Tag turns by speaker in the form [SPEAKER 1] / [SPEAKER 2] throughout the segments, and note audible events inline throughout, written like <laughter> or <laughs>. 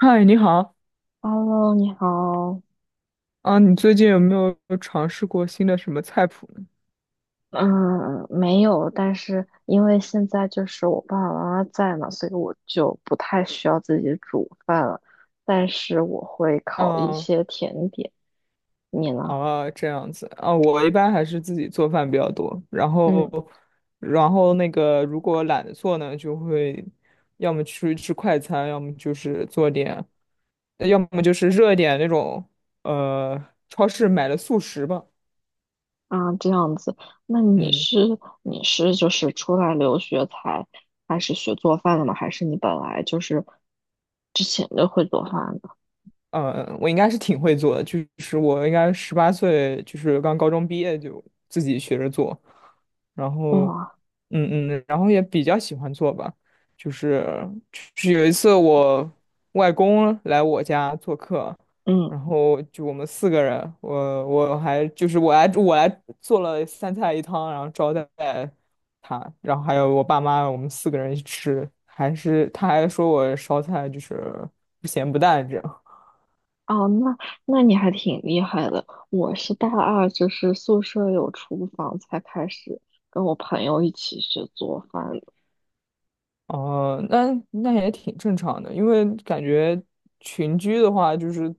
[SPEAKER 1] 嗨，你好。
[SPEAKER 2] Hello，你好。
[SPEAKER 1] 啊，你最近有没有尝试过新的什么菜谱呢？
[SPEAKER 2] 嗯，没有，但是因为现在就是我爸爸妈妈在嘛，所以我就不太需要自己煮饭了。但是我会烤一
[SPEAKER 1] 啊
[SPEAKER 2] 些甜点。你呢？
[SPEAKER 1] 啊，这样子啊，我一般还是自己做饭比较多，然后，
[SPEAKER 2] 嗯
[SPEAKER 1] 然后那个如果懒得做呢，就会要么出去吃快餐，要么就是做点，要么就是热一点那种，呃，超市买的速食吧。
[SPEAKER 2] 啊，这样子。那你
[SPEAKER 1] 嗯。
[SPEAKER 2] 是就是出来留学才开始学做饭的吗？还是你本来就是之前就会做饭的？
[SPEAKER 1] 我应该是挺会做的，就是我应该18岁，就是刚高中毕业就自己学着做，然后，
[SPEAKER 2] 哇，
[SPEAKER 1] 嗯嗯，然后也比较喜欢做吧，就是就是有一次我外公来我家做客，然后就我们四个人，我还就是我来做了三菜一汤，然后招待他，然后还有我爸妈，我们四个人一起吃，还是他还说我烧菜就是不咸不淡这样。
[SPEAKER 2] 哦，那那你还挺厉害的。我是大二，就是宿舍有厨房才开始跟我朋友一起学做饭。
[SPEAKER 1] 哦，那也挺正常的，因为感觉群居的话，就是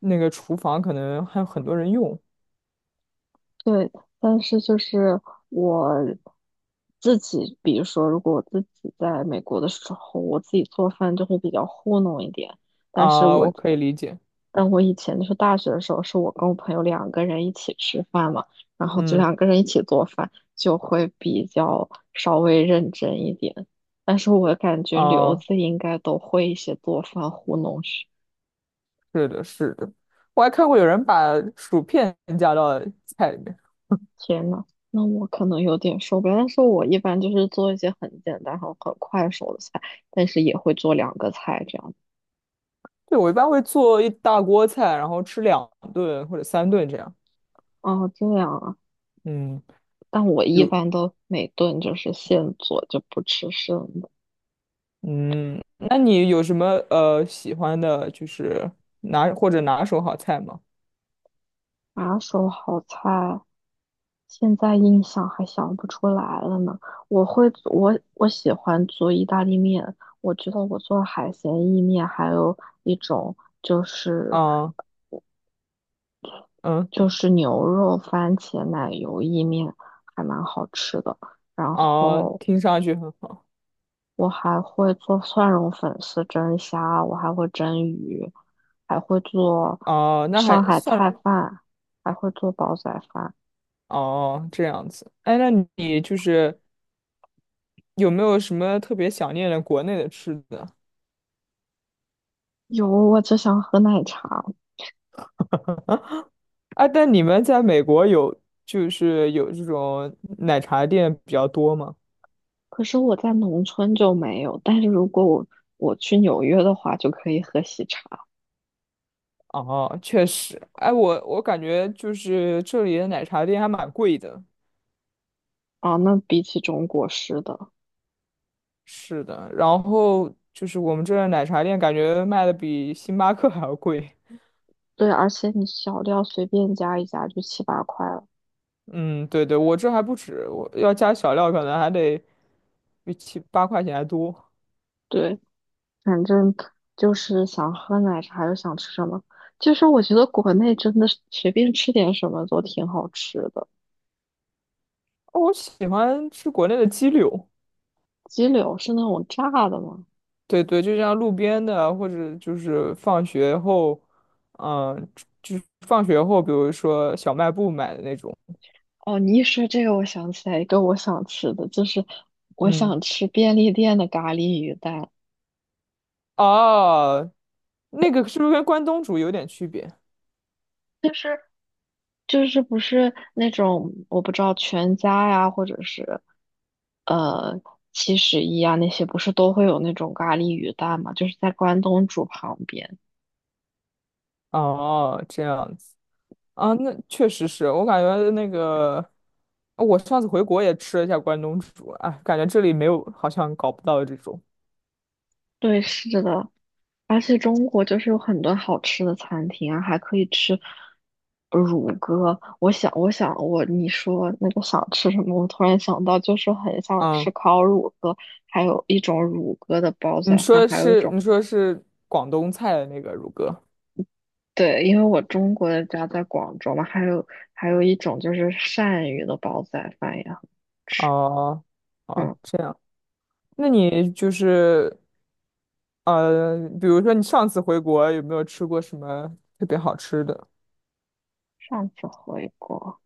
[SPEAKER 1] 那个厨房可能还有很多人用
[SPEAKER 2] 对，但是就是我自己，比如说，如果我自己在美国的时候，我自己做饭就会比较糊弄一点。但是
[SPEAKER 1] 啊，
[SPEAKER 2] 我，
[SPEAKER 1] 我可以理解。
[SPEAKER 2] 但我以前就是大学的时候，是我跟我朋友两个人一起吃饭嘛，然后就
[SPEAKER 1] 嗯，
[SPEAKER 2] 两个人一起做饭，就会比较稍微认真一点。但是我感觉留
[SPEAKER 1] 啊，
[SPEAKER 2] 子应该都会一些做饭糊弄学。
[SPEAKER 1] 是的，是的，我还看过有人把薯片加到菜里面。
[SPEAKER 2] 天呐，那我可能有点受不了。但是我一般就是做一些很简单、很快手的菜，但是也会做两个菜这样。
[SPEAKER 1] 对，我一般会做一大锅菜，然后吃2顿或者3顿这样。
[SPEAKER 2] 哦，这样啊。
[SPEAKER 1] 嗯，
[SPEAKER 2] 但我一
[SPEAKER 1] 有，
[SPEAKER 2] 般都每顿就是现做，就不吃剩的。
[SPEAKER 1] 嗯，那你有什么喜欢的，就是拿或者拿手好菜吗？
[SPEAKER 2] 拿手好菜，现在印象还想不出来了呢。我会做，我喜欢做意大利面。我觉得我做海鲜意面，还有一种就是。
[SPEAKER 1] 啊，嗯，
[SPEAKER 2] 就是牛肉、番茄、奶油意面，还蛮好吃的。然
[SPEAKER 1] 啊，
[SPEAKER 2] 后
[SPEAKER 1] 听上去很好。
[SPEAKER 2] 我还会做蒜蓉粉丝蒸虾，我还会蒸鱼，还会做
[SPEAKER 1] 哦，那
[SPEAKER 2] 上
[SPEAKER 1] 还
[SPEAKER 2] 海
[SPEAKER 1] 算
[SPEAKER 2] 菜
[SPEAKER 1] 了
[SPEAKER 2] 饭，还会做煲仔饭。
[SPEAKER 1] 哦，这样子。哎，那你就是有没有什么特别想念的国内的吃的？
[SPEAKER 2] 有，我只想喝奶茶，
[SPEAKER 1] 啊，但你们在美国有就是有这种奶茶店比较多吗？
[SPEAKER 2] 可是我在农村就没有。但是如果我去纽约的话，就可以喝喜茶。
[SPEAKER 1] 哦，确实。哎，我感觉就是这里的奶茶店还蛮贵的。
[SPEAKER 2] 啊，那比起中国式的，
[SPEAKER 1] 是的，然后就是我们这儿的奶茶店感觉卖的比星巴克 <laughs> 还要贵。
[SPEAKER 2] 对，而且你小料随便加一加就七八块了。
[SPEAKER 1] 嗯，对对，我这还不止，我要加小料可能还得比七八块钱还多。
[SPEAKER 2] 对。反正就是想喝奶茶又想吃什么。就是我觉得国内真的是随便吃点什么都挺好吃的。
[SPEAKER 1] 我喜欢吃国内的鸡柳，
[SPEAKER 2] 鸡柳是那种炸的吗？
[SPEAKER 1] 对对，就像路边的啊，或者就是放学后，嗯，就是放学后，比如说小卖部买的那种，
[SPEAKER 2] 哦，你一说这个，我想起来一个我想吃的，就是我
[SPEAKER 1] 嗯，
[SPEAKER 2] 想吃便利店的咖喱鱼蛋，
[SPEAKER 1] 哦，那个是不是跟关东煮有点区别？
[SPEAKER 2] 就是不是那种我不知道全家呀，或者是呃七十一啊那些，不是都会有那种咖喱鱼蛋嘛？就是在关东煮旁边。
[SPEAKER 1] 哦，这样子啊，那确实是我感觉那个，我上次回国也吃了一下关东煮，哎，感觉这里没有，好像搞不到这种。
[SPEAKER 2] 对，是的，而且中国就是有很多好吃的餐厅啊，还可以吃乳鸽。我想，我想，我你说那个想吃什么，我突然想到，就是很想
[SPEAKER 1] 嗯，
[SPEAKER 2] 吃烤乳鸽，还有一种乳鸽的煲
[SPEAKER 1] 你
[SPEAKER 2] 仔
[SPEAKER 1] 说
[SPEAKER 2] 饭，
[SPEAKER 1] 的
[SPEAKER 2] 还有一
[SPEAKER 1] 是
[SPEAKER 2] 种
[SPEAKER 1] 你说的是广东菜的那个乳鸽。
[SPEAKER 2] 对，因为我中国的家在广州嘛，还有还有一种就是鳝鱼的煲仔饭也很吃。
[SPEAKER 1] 哦，哦，
[SPEAKER 2] 嗯，
[SPEAKER 1] 这样，那你就是比如说你上次回国有没有吃过什么特别好吃的？
[SPEAKER 2] 上次回国。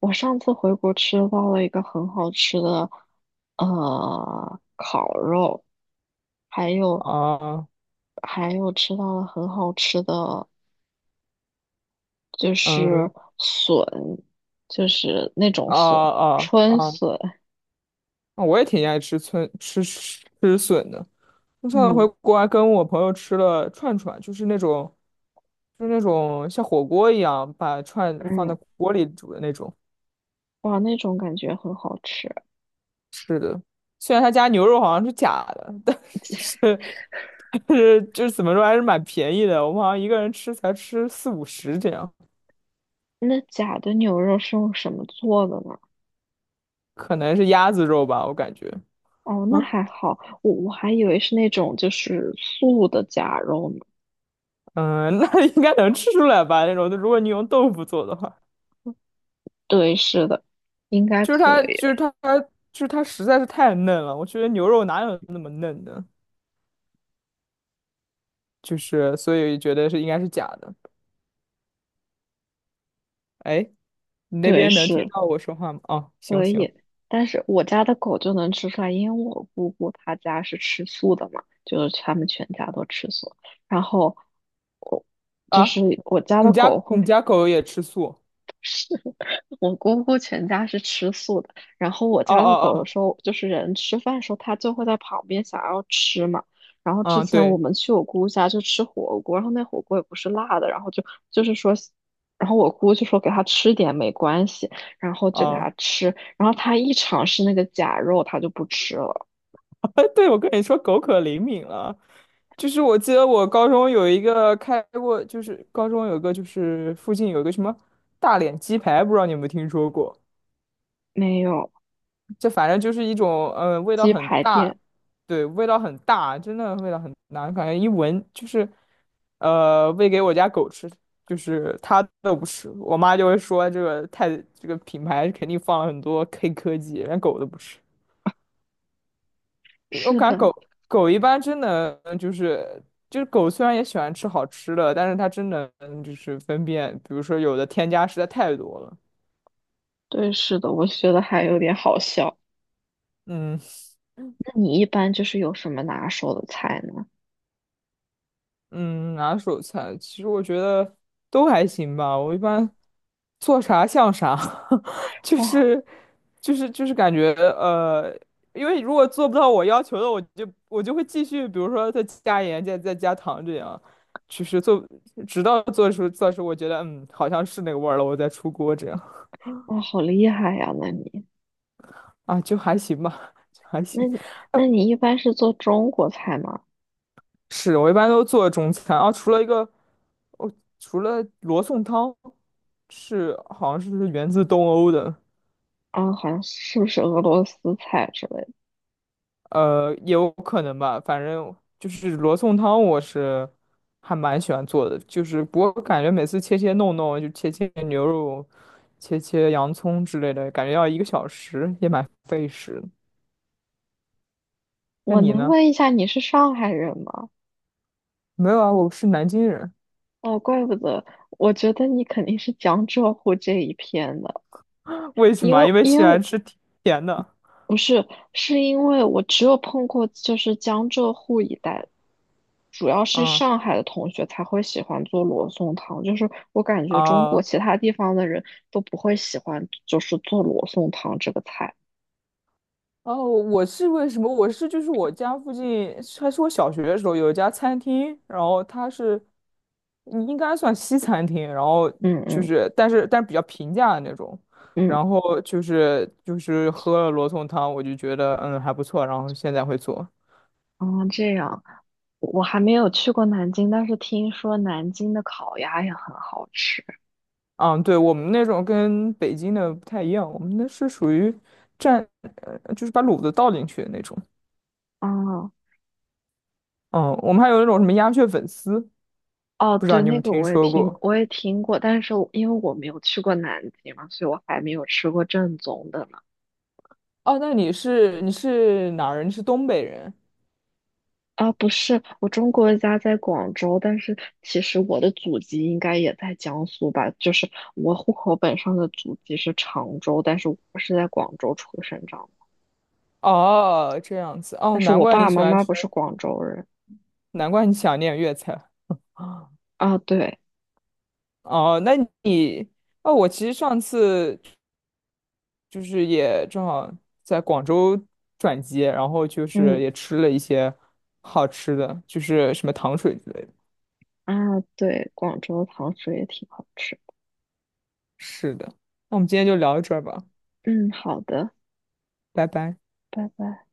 [SPEAKER 2] 我上次回国吃到了一个很好吃的，烤肉，还有
[SPEAKER 1] 啊，
[SPEAKER 2] 吃到了很好吃的，就是
[SPEAKER 1] 嗯，
[SPEAKER 2] 笋，就是那种
[SPEAKER 1] 啊
[SPEAKER 2] 笋，
[SPEAKER 1] 啊
[SPEAKER 2] 春
[SPEAKER 1] 啊，
[SPEAKER 2] 笋，
[SPEAKER 1] 啊我也挺爱吃村吃吃笋的。我上次回
[SPEAKER 2] 嗯
[SPEAKER 1] 国还跟我朋友吃了串串，就是那种像火锅一样把串放
[SPEAKER 2] 嗯，
[SPEAKER 1] 在锅里煮的那种。
[SPEAKER 2] 哇，那种感觉很好吃。
[SPEAKER 1] 是的，虽然他家牛肉好像是假的，是但是就是怎么说还是蛮便宜的。我们好像一个人吃才吃四五十这样。
[SPEAKER 2] 那假的牛肉是用什么做的呢？
[SPEAKER 1] 可能是鸭子肉吧，我感觉。
[SPEAKER 2] 哦，那
[SPEAKER 1] 啊，
[SPEAKER 2] 还好，我还以为是那种就是素的假肉呢。
[SPEAKER 1] <laughs> 嗯，那 <laughs> 应该能吃出来吧？那种，如果你用豆腐做的话，
[SPEAKER 2] 对，是的，应该
[SPEAKER 1] 就是
[SPEAKER 2] 可
[SPEAKER 1] 它，
[SPEAKER 2] 以。
[SPEAKER 1] 就是它，就是它实在是太嫩了。我觉得牛肉哪有那么嫩的？就是所以觉得是应该是假的。哎，你那
[SPEAKER 2] 对，
[SPEAKER 1] 边能听
[SPEAKER 2] 是。
[SPEAKER 1] 到我说话吗？哦，行
[SPEAKER 2] 可
[SPEAKER 1] 行。
[SPEAKER 2] 以，但是我家的狗就能吃出来，因为我姑姑她家是吃素的嘛，就是他们全家都吃素。然后我
[SPEAKER 1] 啊，
[SPEAKER 2] 我家的
[SPEAKER 1] 你
[SPEAKER 2] 狗
[SPEAKER 1] 家
[SPEAKER 2] 会
[SPEAKER 1] 你家狗也吃素？
[SPEAKER 2] <laughs> 我姑姑全家是吃素的，然后我
[SPEAKER 1] 哦
[SPEAKER 2] 家的
[SPEAKER 1] 哦
[SPEAKER 2] 狗有
[SPEAKER 1] 哦，
[SPEAKER 2] 时候就是人吃饭的时候，它就会在旁边想要吃嘛。然后之
[SPEAKER 1] 嗯，
[SPEAKER 2] 前我
[SPEAKER 1] 对，
[SPEAKER 2] 们去我姑姑家就吃火锅，然后那火锅也不是辣的，然后就就是说，然后我姑就说给它吃点没关系，然后就给
[SPEAKER 1] 啊，
[SPEAKER 2] 它吃，然后它一尝试那个假肉，它就不吃了。
[SPEAKER 1] <laughs> 对，我跟你说，狗可灵敏了。就是我记得我高中有一个开过，就是高中有个就是附近有一个什么大脸鸡排，不知道你有没有听说过？
[SPEAKER 2] 没有
[SPEAKER 1] 这反正就是一种，嗯，味道
[SPEAKER 2] 鸡
[SPEAKER 1] 很
[SPEAKER 2] 排
[SPEAKER 1] 大，
[SPEAKER 2] 店，
[SPEAKER 1] 对，味道很大，真的味道很大，感觉一闻就是，喂给我家狗吃，就是它都不吃，我妈就会说这个太这个品牌肯定放了很多黑科技，连狗都不吃。我
[SPEAKER 2] 是
[SPEAKER 1] 感觉
[SPEAKER 2] 的，
[SPEAKER 1] 狗狗一般真能，就是狗虽然也喜欢吃好吃的，但是它真能就是分辨，比如说有的添加实在太多了。
[SPEAKER 2] 对，是的，我觉得还有点好笑。
[SPEAKER 1] 嗯。
[SPEAKER 2] 那你一般就是有什么拿手的菜呢？
[SPEAKER 1] 嗯，拿手菜，其实我觉得都还行吧。我一般做啥像啥，<laughs> 就
[SPEAKER 2] 哇
[SPEAKER 1] 是就是感觉因为如果做不到我要求的，我就会继续，比如说再加盐、再加糖这样，就是做直到做出我觉得好像是那个味儿了，我再出锅这样。
[SPEAKER 2] 哇，好厉害呀！那你。
[SPEAKER 1] 啊，就还行吧，<laughs> 就还
[SPEAKER 2] 那
[SPEAKER 1] 行。
[SPEAKER 2] 你一般是做中国菜吗？
[SPEAKER 1] 是我一般都做中餐啊，除了一个，我除了罗宋汤是好像是源自东欧的，
[SPEAKER 2] 啊，好像是不是俄罗斯菜之类的？
[SPEAKER 1] 也有可能吧，反正就是罗宋汤我是还蛮喜欢做的，就是不过感觉每次切切弄弄就切切牛肉、切切洋葱之类的，感觉要1个小时，也蛮费时的。那
[SPEAKER 2] 我
[SPEAKER 1] 你
[SPEAKER 2] 能
[SPEAKER 1] 呢？
[SPEAKER 2] 问一下你是上海人吗？
[SPEAKER 1] 没有啊，我是南京人，
[SPEAKER 2] 哦，怪不得，我觉得你肯定是江浙沪这一片的，
[SPEAKER 1] <laughs> 为什
[SPEAKER 2] 因
[SPEAKER 1] 么？
[SPEAKER 2] 为
[SPEAKER 1] 因为
[SPEAKER 2] 因
[SPEAKER 1] 喜
[SPEAKER 2] 为
[SPEAKER 1] 欢
[SPEAKER 2] 我
[SPEAKER 1] 吃甜的。
[SPEAKER 2] 不是，是因为我只有碰过就是江浙沪一带，主要是
[SPEAKER 1] 嗯
[SPEAKER 2] 上海的同学才会喜欢做罗宋汤，就是我感觉中国
[SPEAKER 1] 啊。
[SPEAKER 2] 其他地方的人都不会喜欢，就是做罗宋汤这个菜。
[SPEAKER 1] 哦，我是为什么？我是就是我家附近，还是我小学的时候有一家餐厅，然后它是应该算西餐厅，然后
[SPEAKER 2] 嗯
[SPEAKER 1] 就
[SPEAKER 2] 嗯
[SPEAKER 1] 是但是比较平价的那种，
[SPEAKER 2] 嗯。
[SPEAKER 1] 然后就是喝了罗宋汤，我就觉得还不错，然后现在会做。
[SPEAKER 2] 哦，这样，我还没有去过南京，但是听说南京的烤鸭也很好吃。
[SPEAKER 1] 嗯，对，我们那种跟北京的不太一样，我们那是属于蘸，就是把卤子倒进去的那种。
[SPEAKER 2] 嗯，
[SPEAKER 1] 嗯，我们还有那种什么鸭血粉丝，
[SPEAKER 2] 哦，
[SPEAKER 1] 不知道
[SPEAKER 2] 对，
[SPEAKER 1] 你有没
[SPEAKER 2] 那
[SPEAKER 1] 有
[SPEAKER 2] 个
[SPEAKER 1] 听
[SPEAKER 2] 我也
[SPEAKER 1] 说
[SPEAKER 2] 听，
[SPEAKER 1] 过？
[SPEAKER 2] 我也听过，但是我因为我没有去过南京嘛，所以我还没有吃过正宗的呢。
[SPEAKER 1] 哦，那你是哪儿人？你是东北人？
[SPEAKER 2] 啊，不是，我中国家在广州，但是其实我的祖籍应该也在江苏吧，就是我户口本上的祖籍是常州，但是我是在广州出生长的，
[SPEAKER 1] 哦，这样子。哦，
[SPEAKER 2] 但是
[SPEAKER 1] 难
[SPEAKER 2] 我
[SPEAKER 1] 怪
[SPEAKER 2] 爸
[SPEAKER 1] 你
[SPEAKER 2] 爸
[SPEAKER 1] 喜
[SPEAKER 2] 妈
[SPEAKER 1] 欢
[SPEAKER 2] 妈不是
[SPEAKER 1] 吃，
[SPEAKER 2] 广州人。
[SPEAKER 1] 难怪你想念粤菜。啊
[SPEAKER 2] 啊，对，
[SPEAKER 1] 哦，那你，哦，我其实上次就是也正好在广州转机，然后就是
[SPEAKER 2] 嗯。
[SPEAKER 1] 也吃了一些好吃的，就是什么糖水之类的。
[SPEAKER 2] 啊，对，广州糖水也挺好吃。
[SPEAKER 1] 是的，那我们今天就聊到这儿吧，
[SPEAKER 2] 嗯，好的，
[SPEAKER 1] 拜拜。
[SPEAKER 2] 拜拜。